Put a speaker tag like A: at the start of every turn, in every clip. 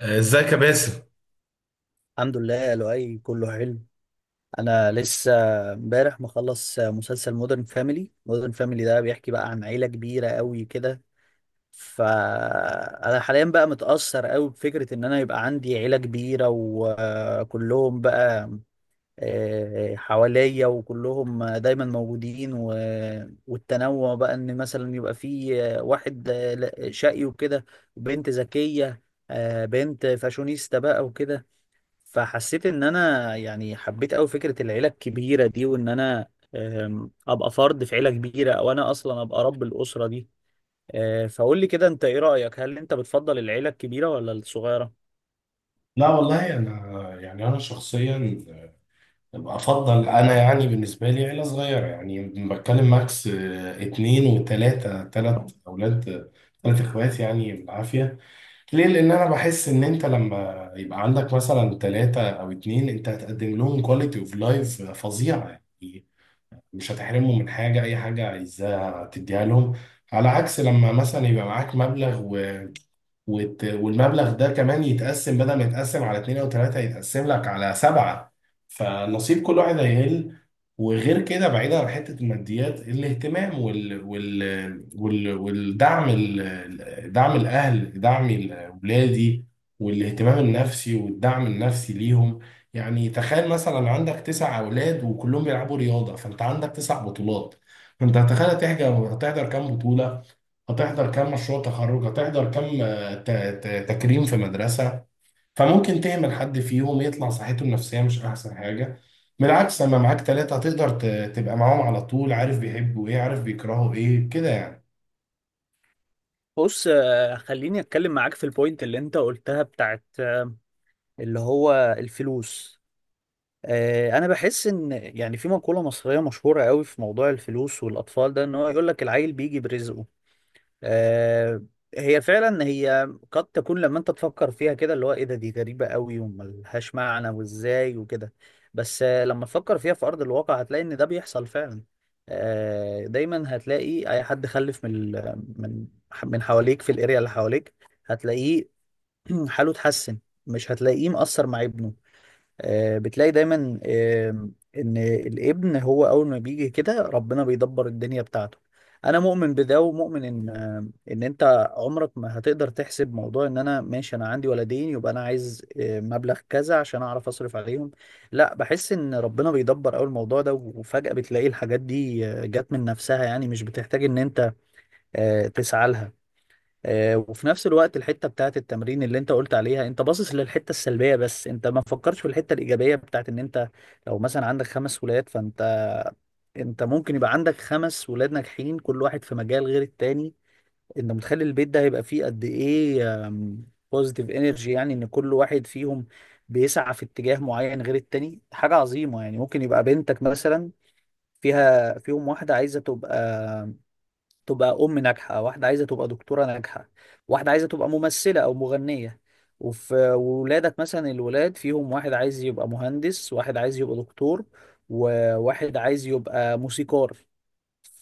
A: ازيك يا باسم؟
B: الحمد لله لؤي، كله حلو. انا لسه امبارح مخلص مسلسل مودرن فاميلي. مودرن فاميلي ده بيحكي بقى عن عيله كبيره قوي كده. فانا حاليا بقى متاثر قوي بفكره ان انا يبقى عندي عيله كبيره وكلهم بقى حواليا، وكلهم دايما موجودين، والتنوع بقى ان مثلا يبقى في واحد شقي وكده، بنت ذكيه، بنت فاشونيستا بقى وكده. فحسيت ان انا يعني حبيت قوي فكره العيله الكبيره دي، وان انا ابقى فرد في عيله كبيره، او انا اصلا ابقى رب الاسره دي. فقول لي كده، انت ايه رايك؟ هل انت بتفضل العيله الكبيره ولا الصغيره؟
A: لا والله انا، يعني انا شخصيا افضل. انا، يعني بالنسبه لي، عيله صغيره. يعني بتكلم ماكس اتنين وتلاته. تلات اولاد، تلات اخوات يعني بالعافيه. ليه؟ لان انا بحس ان انت لما يبقى عندك مثلا تلاته او اتنين، انت هتقدم لهم كواليتي اوف لايف فظيعه. يعني مش هتحرمهم من حاجه، اي حاجه عايزاها تديها لهم. على عكس لما مثلا يبقى معاك مبلغ والمبلغ ده كمان يتقسم، بدل ما يتقسم على اتنين او تلاتة يتقسم لك على سبعة. فنصيب كل واحد هيقل. وغير كده، بعيدا عن حتة الماديات، الاهتمام والدعم، دعم الأهل، دعم أولادي، والاهتمام النفسي والدعم النفسي ليهم. يعني تخيل مثلا عندك تسع أولاد وكلهم بيلعبوا رياضة، فأنت عندك تسع بطولات. فأنت هتخيل، هتحضر كام بطولة؟ هتحضر كام مشروع تخرج؟ هتحضر كام تكريم في مدرسة؟ فممكن تهمل حد فيهم، يطلع صحته النفسية مش أحسن حاجة. بالعكس لما معاك تلاتة هتقدر تبقى معاهم على طول، عارف بيحبوا إيه، عارف بيكرهوا إيه كده يعني.
B: بص، خليني اتكلم معاك في البوينت اللي انت قلتها بتاعت اللي هو الفلوس. انا بحس ان يعني في مقوله مصريه مشهوره قوي في موضوع الفلوس والاطفال ده، ان هو يقول لك العيل بيجي برزقه. آه، هي فعلا، هي قد تكون لما انت تفكر فيها كده اللي هو ايه ده، دي غريبة قوي وملهاش معنى وازاي وكده، بس لما تفكر فيها في ارض الواقع هتلاقي ان ده بيحصل فعلا. دايما هتلاقي اي حد خلف من ال- من من حواليك في الاريا اللي حواليك، هتلاقيه حاله اتحسن، مش هتلاقيه مقصر مع ابنه. بتلاقي دايما ان الابن هو اول ما بيجي كده ربنا بيدبر الدنيا بتاعته. انا مؤمن بده ومؤمن ان ان انت عمرك ما هتقدر تحسب موضوع ان انا ماشي انا عندي ولدين يبقى انا عايز مبلغ كذا عشان اعرف اصرف عليهم. لا، بحس ان ربنا بيدبر اول الموضوع ده، وفجأة بتلاقي الحاجات دي جت من نفسها، يعني مش بتحتاج ان انت تسعى لها. وفي نفس الوقت الحته بتاعت التمرين اللي انت قلت عليها، انت باصص للحته السلبيه بس انت ما فكرتش في الحته الايجابيه بتاعت ان انت لو مثلا عندك خمس ولاد، فانت انت ممكن يبقى عندك خمس ولاد ناجحين، كل واحد في مجال غير التاني. انت متخيل البيت ده هيبقى فيه قد ايه بوزيتيف انرجي؟ يعني ان كل واحد فيهم بيسعى في اتجاه معين غير التاني، حاجه عظيمه. يعني ممكن يبقى بنتك مثلا، فيها فيهم واحده عايزه تبقى ام ناجحه، واحده عايزه تبقى دكتوره ناجحه، واحده عايزه تبقى ممثله او مغنيه. وفي ولادك مثلا الولاد فيهم واحد عايز يبقى مهندس، واحد عايز يبقى دكتور، وواحد عايز يبقى موسيقار.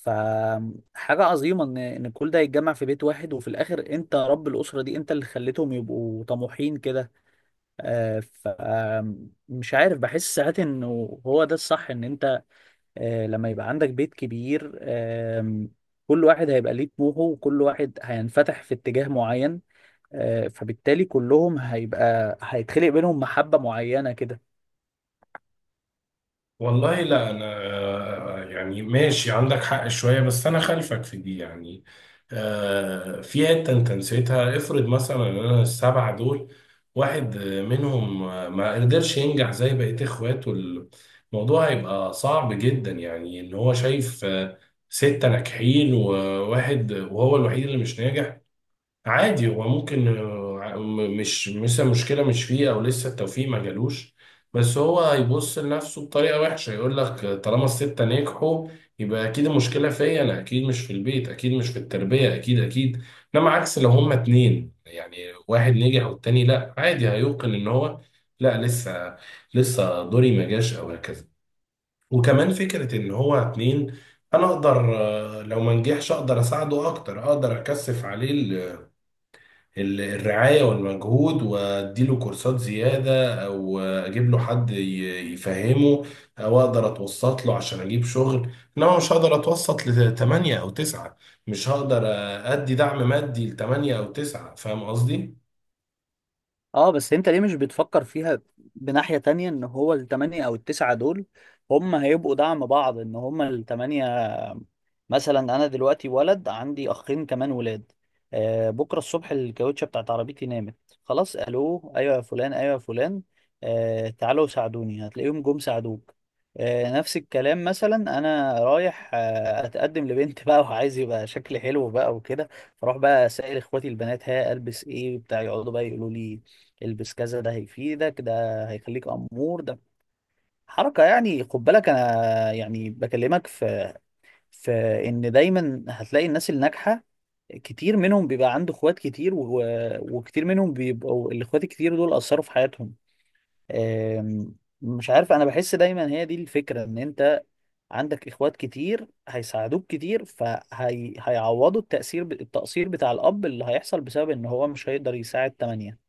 B: فحاجة عظيمة إن كل ده يتجمع في بيت واحد، وفي الآخر أنت رب الأسرة دي، أنت اللي خليتهم يبقوا طموحين كده. آه، ف آم، مش عارف، بحس ساعات إنه هو ده الصح، إن أنت لما يبقى عندك بيت كبير كل واحد هيبقى ليه طموحه وكل واحد هينفتح في اتجاه معين. فبالتالي كلهم هيبقى هيتخلق بينهم محبة معينة كده.
A: والله لا، انا يعني ماشي عندك حق شويه، بس انا خلفك في دي يعني. في حته انت نسيتها. افرض مثلا ان انا السبعه دول واحد منهم ما قدرش ينجح زي بقيه اخواته. الموضوع هيبقى صعب جدا، يعني ان هو شايف سته ناجحين وواحد، وهو الوحيد اللي مش ناجح. عادي هو ممكن، مش مثلا مشكلة مش فيه، أو لسه التوفيق ما جالوش. بس هو هيبص لنفسه بطريقة وحشة، يقول لك طالما الستة نجحوا يبقى أكيد المشكلة فيا أنا. أكيد مش في البيت، أكيد مش في التربية، أكيد أكيد. إنما عكس لو هما اتنين يعني، واحد نجح والتاني لأ، عادي هيوقن إن هو لأ، لسه. لسه دوري ما جاش أو هكذا. وكمان فكرة إن هو اتنين، أنا أقدر لو ما نجحش أقدر أساعده أكتر، أقدر أكثف عليه الرعاية والمجهود، واديله كورسات زيادة، او اجيب له حد يفهمه، او اقدر اتوسط له عشان اجيب شغل. انما مش هقدر اتوسط لثمانية او تسعة، مش هقدر ادي دعم مادي لثمانية او تسعة، فاهم قصدي؟
B: اه بس انت ليه مش بتفكر فيها بناحية تانية، ان هو التمانية او التسعة دول هم هيبقوا دعم بعض، ان هم التمانية. مثلا انا دلوقتي ولد عندي اخين كمان ولاد. بكرة الصبح الكاوتشة بتاعت عربيتي نامت، خلاص، الو، ايوه يا فلان، ايوه يا فلان، تعالوا ساعدوني، هتلاقيهم جم ساعدوك. نفس الكلام، مثلا انا رايح اتقدم لبنت بقى وعايز يبقى شكلي حلو بقى وكده. فاروح بقى اسال اخواتي البنات ها البس ايه بتاع، يقعدوا بقى يقولوا لي البس كذا، ده هيفيدك، ده هيخليك امور، ده حركه. يعني خد بالك انا يعني بكلمك في ان دايما هتلاقي الناس الناجحه كتير منهم بيبقى عنده اخوات كتير وكتير منهم بيبقوا الاخوات الكتير دول اثروا في حياتهم. أم، مش عارف، انا بحس دايما هي دي الفكره، ان انت عندك اخوات كتير هيساعدوك كتير فهيعوضوا التأثير التقصير بتاع الاب اللي هيحصل بسبب ان هو مش هيقدر يساعد تمانية.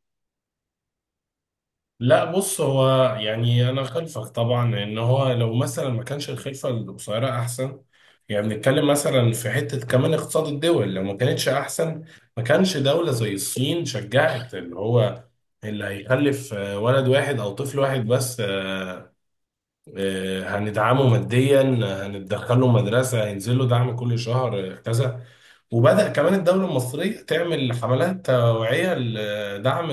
A: لا بص، هو يعني انا خلفك طبعا، لان هو لو مثلا ما كانش الخلفه القصيره احسن. يعني بنتكلم مثلا في حته كمان اقتصاد الدول، لو ما كانتش احسن ما كانش دوله زي الصين شجعت اللي هو اللي هيخلف ولد واحد او طفل واحد بس. هندعمه ماديا، هندخله مدرسه، هينزل له دعم كل شهر، كذا. وبدأ كمان الدوله المصريه تعمل حملات توعيه لدعم،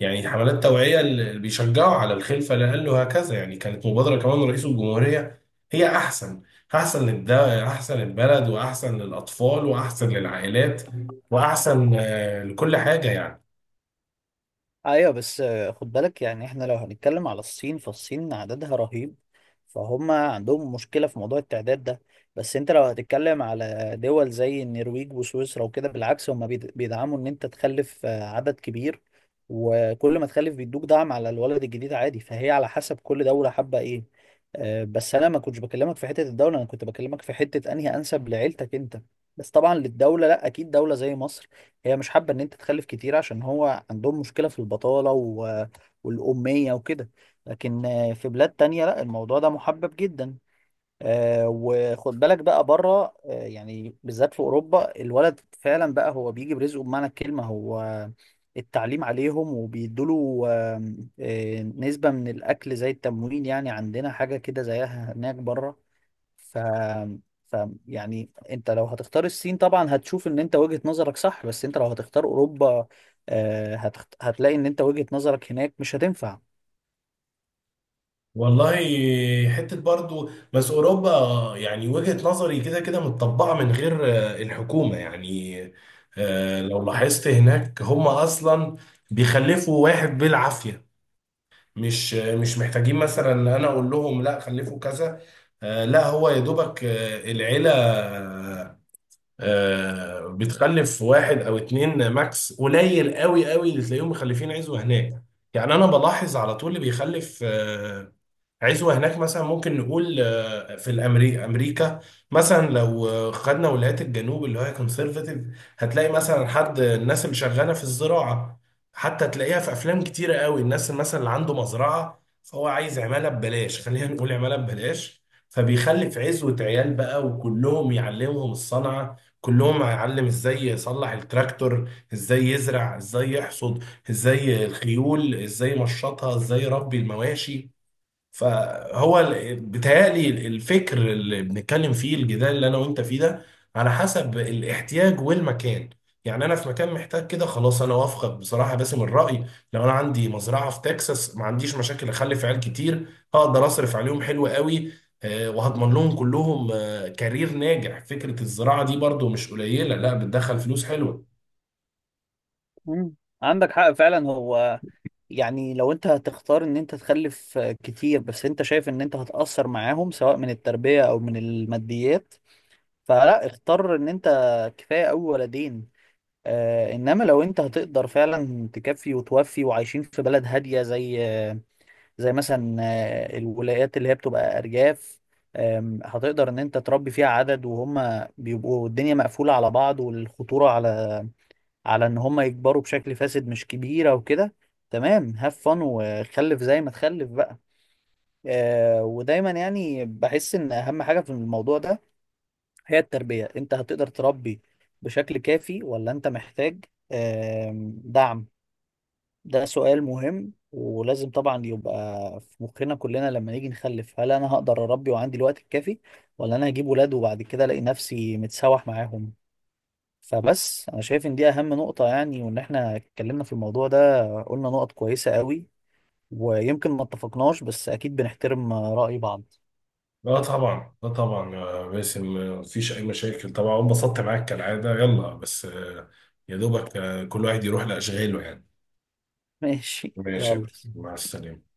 A: يعني حملات توعية اللي بيشجعوا على الخلفة لأقل وهكذا. يعني كانت مبادرة كمان رئيس الجمهورية. هي أحسن، أحسن للده، أحسن للبلد، وأحسن للأطفال، وأحسن للعائلات، وأحسن لكل حاجة يعني.
B: ايوه بس خد بالك يعني احنا لو هنتكلم على الصين، فالصين عددها رهيب، فهم عندهم مشكلة في موضوع التعداد ده. بس انت لو هتتكلم على دول زي النرويج وسويسرا وكده بالعكس هم بيدعموا ان انت تخلف عدد كبير، وكل ما تخلف بيدوك دعم على الولد الجديد عادي. فهي على حسب كل دولة حابة ايه. بس انا ما كنتش بكلمك في حتة الدولة، انا كنت بكلمك في حتة انهي انسب لعيلتك انت. بس طبعا للدولة، لا اكيد دولة زي مصر هي مش حابة ان انت تخلف كتير عشان هو عندهم مشكلة في البطالة والأمية وكده. لكن في بلاد تانية لا، الموضوع ده محبب جدا. وخد بالك بقى بره، يعني بالذات في أوروبا الولد فعلا بقى هو بيجي برزقه بمعنى الكلمة. هو التعليم عليهم، وبيدوله آم، آه، نسبة من الأكل زي التموين، يعني عندنا حاجة كده زيها هناك بره. ف... ف يعني انت لو هتختار الصين طبعا هتشوف ان انت وجهة نظرك صح، بس انت لو هتختار اوروبا هتلاقي ان انت وجهة نظرك هناك مش هتنفع.
A: والله، حتة برضو بس أوروبا، يعني وجهة نظري كده كده متطبقة من غير الحكومة يعني. لو لاحظت هناك هم أصلا بيخلفوا واحد بالعافية. مش محتاجين مثلا انا اقول لهم لا خلفوا كذا. لا، هو يا دوبك، العيلة بتخلف واحد او اتنين ماكس. قليل قوي قوي اللي تلاقيهم مخلفين عزوة هناك. يعني انا بلاحظ على طول اللي بيخلف عزوة هناك، مثلا ممكن نقول في أمريكا. مثلا لو خدنا ولايات الجنوب اللي هي كونسرفاتيف. هتلاقي مثلا حد الناس اللي شغالة في الزراعة. حتى تلاقيها في أفلام كتيرة قوي، الناس اللي مثلا اللي عنده مزرعة، فهو عايز عمالة ببلاش، خلينا نقول عمالة ببلاش. فبيخلي في عزوة عيال بقى، وكلهم يعلمهم الصنعة، كلهم هيعلم ازاي يصلح التراكتور، ازاي يزرع، ازاي يحصد، ازاي الخيول، ازاي يمشطها، ازاي يربي المواشي. فهو بيتهيألي الفكر اللي بنتكلم فيه، الجدال اللي انا وانت فيه ده، على حسب الاحتياج والمكان. يعني انا في مكان محتاج كده، خلاص انا وافقك بصراحه باسم الراي. لو انا عندي مزرعه في تكساس ما عنديش مشاكل اخلف عيال كتير. هقدر اصرف عليهم حلو قوي، وهضمن لهم كلهم كارير ناجح. فكره الزراعه دي برضو مش قليله، لا بتدخل فلوس حلوه.
B: مم. عندك حق فعلا. هو يعني لو انت هتختار ان انت تخلف كتير، بس انت شايف ان انت هتأثر معاهم سواء من التربية او من الماديات، فلا، اختار ان انت كفاية اوي ولدين. آه، انما لو انت هتقدر فعلا تكفي وتوفي، وعايشين في بلد هادية زي مثلا الولايات اللي هي بتبقى ارجاف، هتقدر ان انت تربي فيها عدد، وهم بيبقوا الدنيا مقفولة على بعض والخطورة على ان هم يكبروا بشكل فاسد مش كبيرة وكده. تمام، هاف فن، وخلف زي ما تخلف بقى. ودايما يعني بحس ان اهم حاجة في الموضوع ده هي التربية. انت هتقدر تربي بشكل كافي، ولا انت محتاج دعم؟ ده سؤال مهم ولازم طبعا يبقى في مخنا كلنا لما نيجي نخلف، هل انا هقدر اربي وعندي الوقت الكافي، ولا انا هجيب ولاد وبعد كده الاقي نفسي متسوح معاهم؟ فبس انا شايف ان دي اهم نقطة يعني. وان احنا اتكلمنا في الموضوع ده قلنا نقط كويسة قوي، ويمكن ما اتفقناش بس اكيد بنحترم رأي بعض.
A: لا طبعا، لا طبعا يا باسم، مفيش اي مشاكل طبعا، انبسطت معاك كالعاده. يلا، بس يا دوبك، كل واحد يروح لاشغاله يعني.
B: ماشي
A: ماشي يا
B: يلا.
A: باسم، مع السلامه.